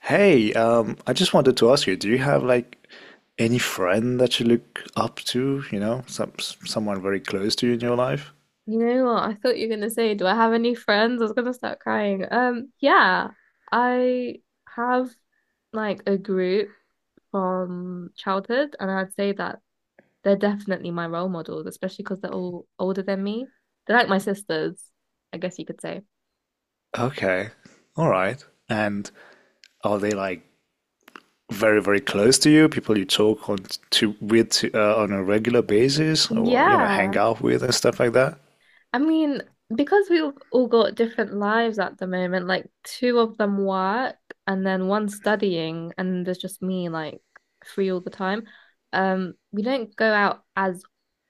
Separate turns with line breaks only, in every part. Hey, I just wanted to ask you, do you have like any friend that you look up to, you know, someone very close to you in your life?
You know what? I thought you were gonna say, do I have any friends? I was gonna start crying. Yeah, I have like a group from childhood, and I'd say that they're definitely my role models, especially because they're all older than me. They're like my sisters, I guess you could say.
Okay. All right. And are they like very, very close to you, people you talk on to with on a regular basis or, you know, hang
Yeah,
out with and stuff like that?
I mean, because we've all got different lives at the moment, like two of them work and then one studying, and there's just me like free all the time. We don't go out as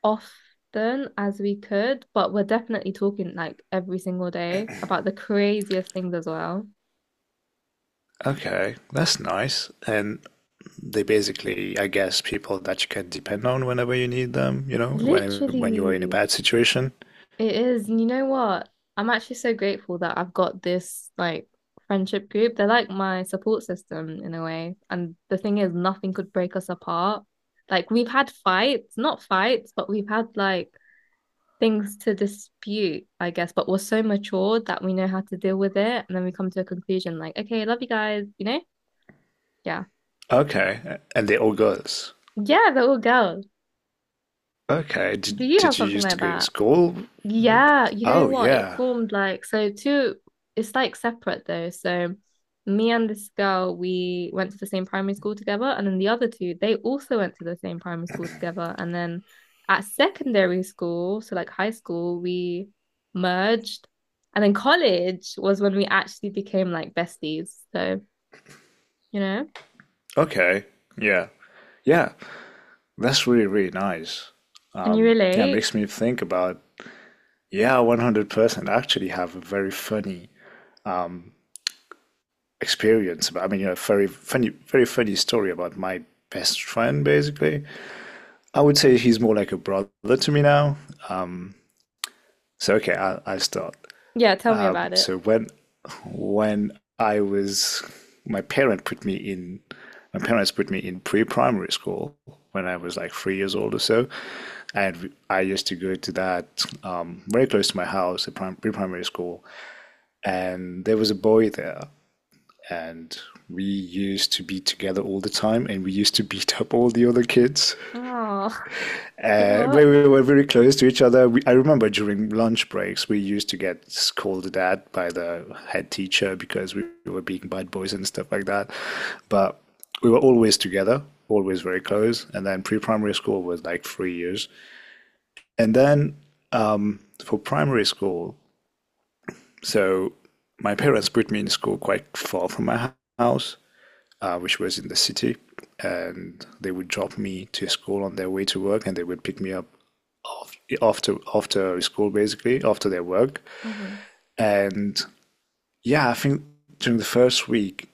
often as we could, but we're definitely talking like every single day about the craziest things as well.
Okay, that's nice. And they basically, I guess, people that you can depend on whenever you need them, you know, when you are in a
Literally.
bad situation.
It is. And you know what? I'm actually so grateful that I've got this like friendship group. They're like my support system in a way. And the thing is, nothing could break us apart. Like we've had fights, not fights, but we've had like things to dispute, I guess. But we're so mature that we know how to deal with it. And then we come to a conclusion like, okay, love you guys, you know? Yeah.
Okay, and they're all girls.
Yeah, they're all girls.
Okay.
Do
Did,
you have
did you
something
used to
like
go to
that?
school with?
Yeah, you know
Oh,
what? It
yeah.
formed like so two it's like separate though. So me and this girl, we went to the same primary school together, and then the other two, they also went to the same primary school together. And then at secondary school, so like high school, we merged. And then college was when we actually became like besties. So, you know,
Okay. Yeah. Yeah. That's really, really nice.
can you
Yeah, it
relate?
makes me think yeah, 100% actually have a very funny experience about, I mean, you know, very funny story about my best friend, basically. I would say he's more like a brother to me now. So, okay, I'll start.
Yeah, tell me
Um,
about it.
so when I was my parent put me in my parents put me in pre-primary school when I was like 3 years old or so, and I used to go to that very close to my house, a pre-primary school, and there was a boy there, and we used to be together all the time, and we used to beat up all the other kids.
Oh,
We
what?
were very close to each other. I remember during lunch breaks, we used to get scolded at by the head teacher because we were being bad boys and stuff like that. But we were always together, always very close. And then pre primary school was like 3 years. And then for primary school, so my parents put me in school quite far from my house, which was in the city. And they would drop me to school on their way to work, and they would pick me up after school, basically after their work.
Mhm.
And yeah, I think during the first week,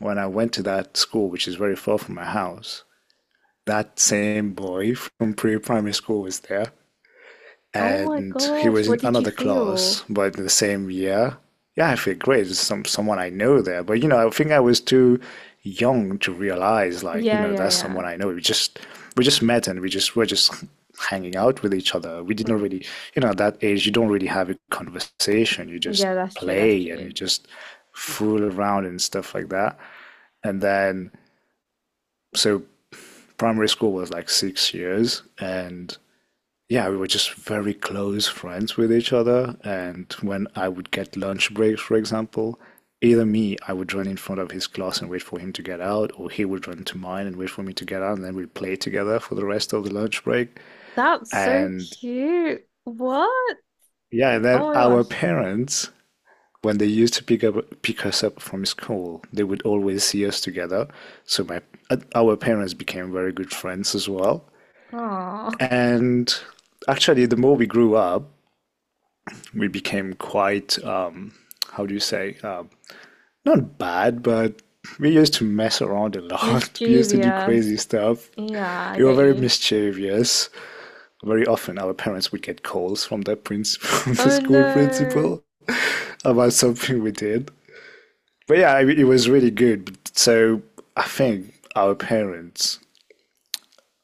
when I went to that school, which is very far from my house, that same boy from pre-primary school was there,
Oh my
and he
gosh,
was in
what did you
another class,
feel?
but in the same year. Yeah, I feel great. There's someone I know there, but you know, I think I was too young to realize, like, you
Yeah,
know,
yeah,
that's
yeah.
someone I know. We just met, and we just hanging out with each other. We didn't
Mm,
really, you know, at that age, you don't really have a conversation. You just
yeah, that's true. That's
play and you
true.
just fool around and stuff like that. And then, so primary school was like 6 years, and yeah, we were just very close friends with each other. And when I would get lunch breaks, for example, either me, I would run in front of his class and wait for him to get out, or he would run to mine and wait for me to get out, and then we'd play together for the rest of the lunch break.
That's so
And
cute. What?
yeah, and then
Oh my
our
gosh.
parents, when they used to pick us up from school, they would always see us together. So my our parents became very good friends as well.
Oh,
And actually, the more we grew up, we became quite, how do you say, not bad, but we used to mess around a lot. We used to do
mischievous.
crazy stuff.
Yeah, I
We were
get
very
you.
mischievous. Very often, our parents would get calls from the prince, from the
Oh
school
no.
principal, about something we did. But yeah, it was really good. So I think our parents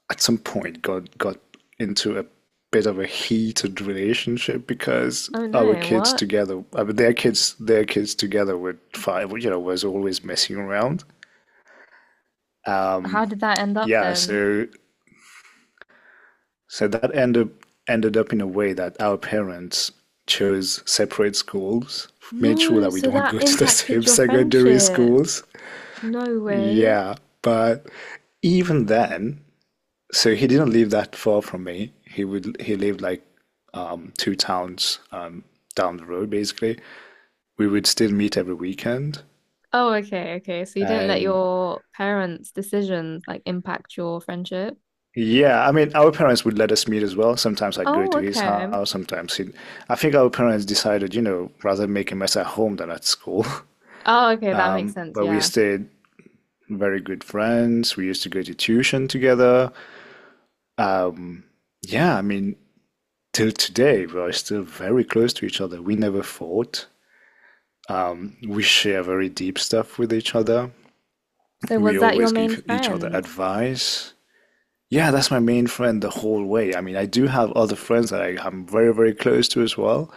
at some point got into a bit of a heated relationship because
Oh
our
no.
kids
What?
together, I mean, their kids together were five, you know, was always messing around. Um,
How did that end up
yeah,
then?
so so that ended ended up in a way that our parents chose separate schools, made sure
No,
that we
so
don't
that
go to the same
impacted your
secondary
friendship.
schools.
No way.
Yeah, but even then, so he didn't live that far from me. He lived like two towns down the road, basically. We would still meet every weekend,
Oh, okay, okay. So you didn't let
and
your parents' decisions like impact your friendship?
yeah, I mean, our parents would let us meet as well. Sometimes I'd go
Oh,
to his
okay.
house. Sometimes he. I think our parents decided, you know, rather make a mess at home than at school.
Oh, okay. That makes sense.
But we
Yeah.
stayed very good friends. We used to go to tuition together. Yeah, I mean, till today we are still very close to each other. We never fought. We share very deep stuff with each other.
So
We
was that your
always
main
give each other
friend?
advice. Yeah, that's my main friend the whole way. I mean, I do have other friends that I'm very, very close to as well.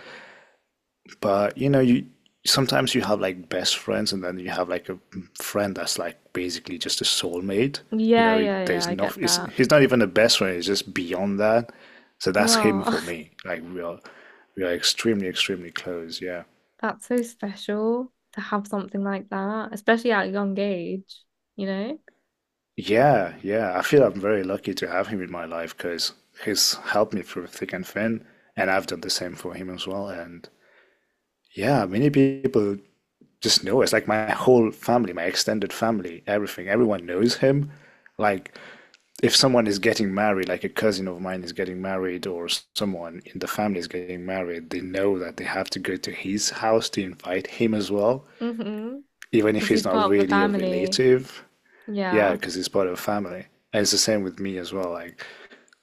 But you know, you sometimes you have like best friends, and then you have like a friend that's like basically just a soulmate. You
Yeah,
know,
yeah, yeah,
there's
I
not.
get that.
He's not even a best friend. It's just beyond that. So that's him for
Oh,
me. We are extremely, extremely close. Yeah.
that's so special to have something like that, especially at a young age, you know?
Yeah, yeah. I feel I'm very lucky to have him in my life because he's helped me through thick and thin, and I've done the same for him as well. And yeah, many people just know us. Like my whole family, my extended family, everything, everyone knows him. Like if someone is getting married, like a cousin of mine is getting married, or someone in the family is getting married, they know that they have to go to his house to invite him as well,
Mm-hmm.
even if
Because
he's
he's
not
part of the
really a
family.
relative. Yeah,
Yeah.
because it's part of a family. And it's the same with me as well. Like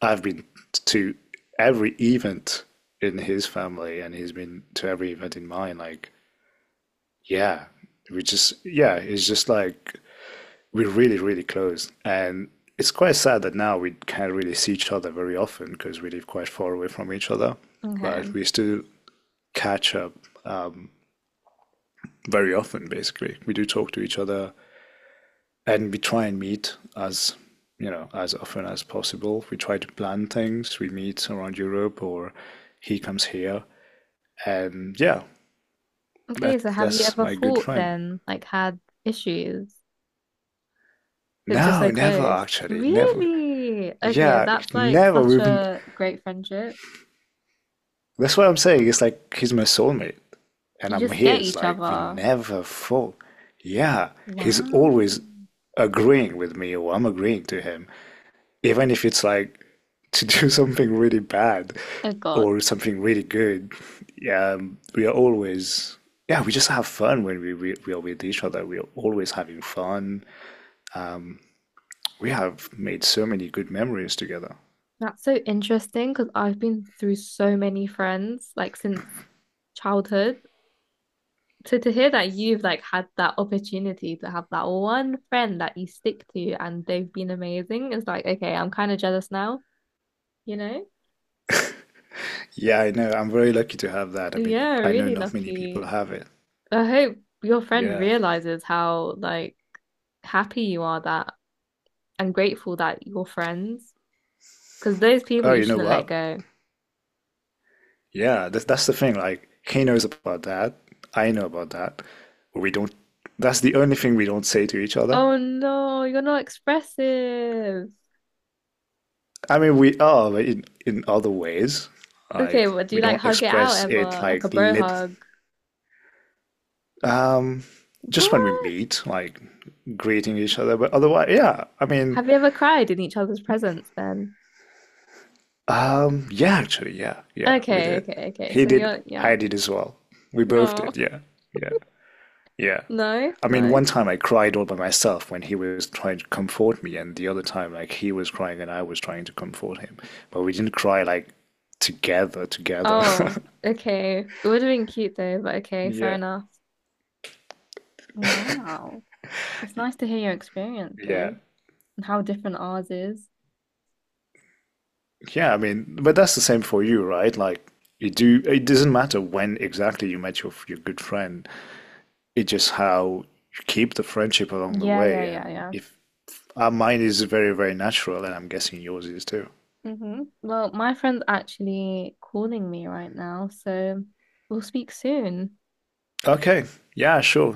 I've been to every event in his family, and he's been to every event in mine. Like, yeah, yeah, it's just like we're really, really close. And it's quite sad that now we can't really see each other very often because we live quite far away from each other.
Okay.
But we still catch up very often, basically. We do talk to each other, and we try and meet as, you know, as often as possible. We try to plan things. We meet around Europe, or he comes here, and yeah,
Okay, so have you
that's
ever
my good
fought
friend.
then? Like had issues since you're
No,
so
never
close?
actually, never.
Really? Okay,
Yeah,
that's like
never.
such
We've.
a great friendship.
That's what I'm saying. It's like he's my soulmate, and
You
I'm
just get
his.
each
Like we
other.
never fought. Yeah, he's
Wow.
always agreeing with me, or I'm agreeing to him. Even if it's like to do something really bad
Oh God.
or something really good, yeah, we are always, yeah, we just have fun when we are with each other. We are always having fun. We have made so many good memories together.
That's so interesting because I've been through so many friends like since childhood. So to hear that you've like had that opportunity to have that one friend that you stick to and they've been amazing is like, okay, I'm kind of jealous now, you know?
Yeah, I know. I'm very lucky to have that. I mean,
Yeah,
I know
really
not many people
lucky.
have it.
I hope your friend
Yeah.
realizes how like happy you are that and grateful that you're friends because those people
Oh,
you
you know
shouldn't let
what?
go.
Yeah, that's the thing. Like, he knows about that. I know about that. We don't, that's the only thing we don't say to each other.
Oh no, you're not expressive.
I mean, we are but in other ways.
Okay,
Like
what do
we
you like
don't
hug it out
express it
ever?
like
Like a bro
lit.
hug?
Um, just when we
What?
meet, like greeting each other. But otherwise, yeah. I mean,
Have you ever cried in each other's presence then?
yeah, actually, yeah, yeah. We
Okay,
did.
okay, okay.
He
So
did.
you're yeah.
I did as well. We both
No.
did. Yeah, yeah, yeah.
No,
I mean, one
no.
time I cried all by myself when he was trying to comfort me, and the other time, like, he was crying and I was trying to comfort him. But we didn't cry like together, together.
Oh, okay. It would have been cute though, but okay, fair
Yeah,
enough. Wow. It's nice to hear your
yeah.
experiences and how different ours is.
Yeah, I mean, but that's the same for you, right? Like you do, it doesn't matter when exactly you met your good friend. It's just how you keep the friendship along the
Yeah, yeah,
way.
yeah,
And
yeah.
if mine is very, very natural, and I'm guessing yours is too.
Mm-hmm. Well, my friend's actually calling me right now, so we'll speak soon.
Okay, yeah, sure.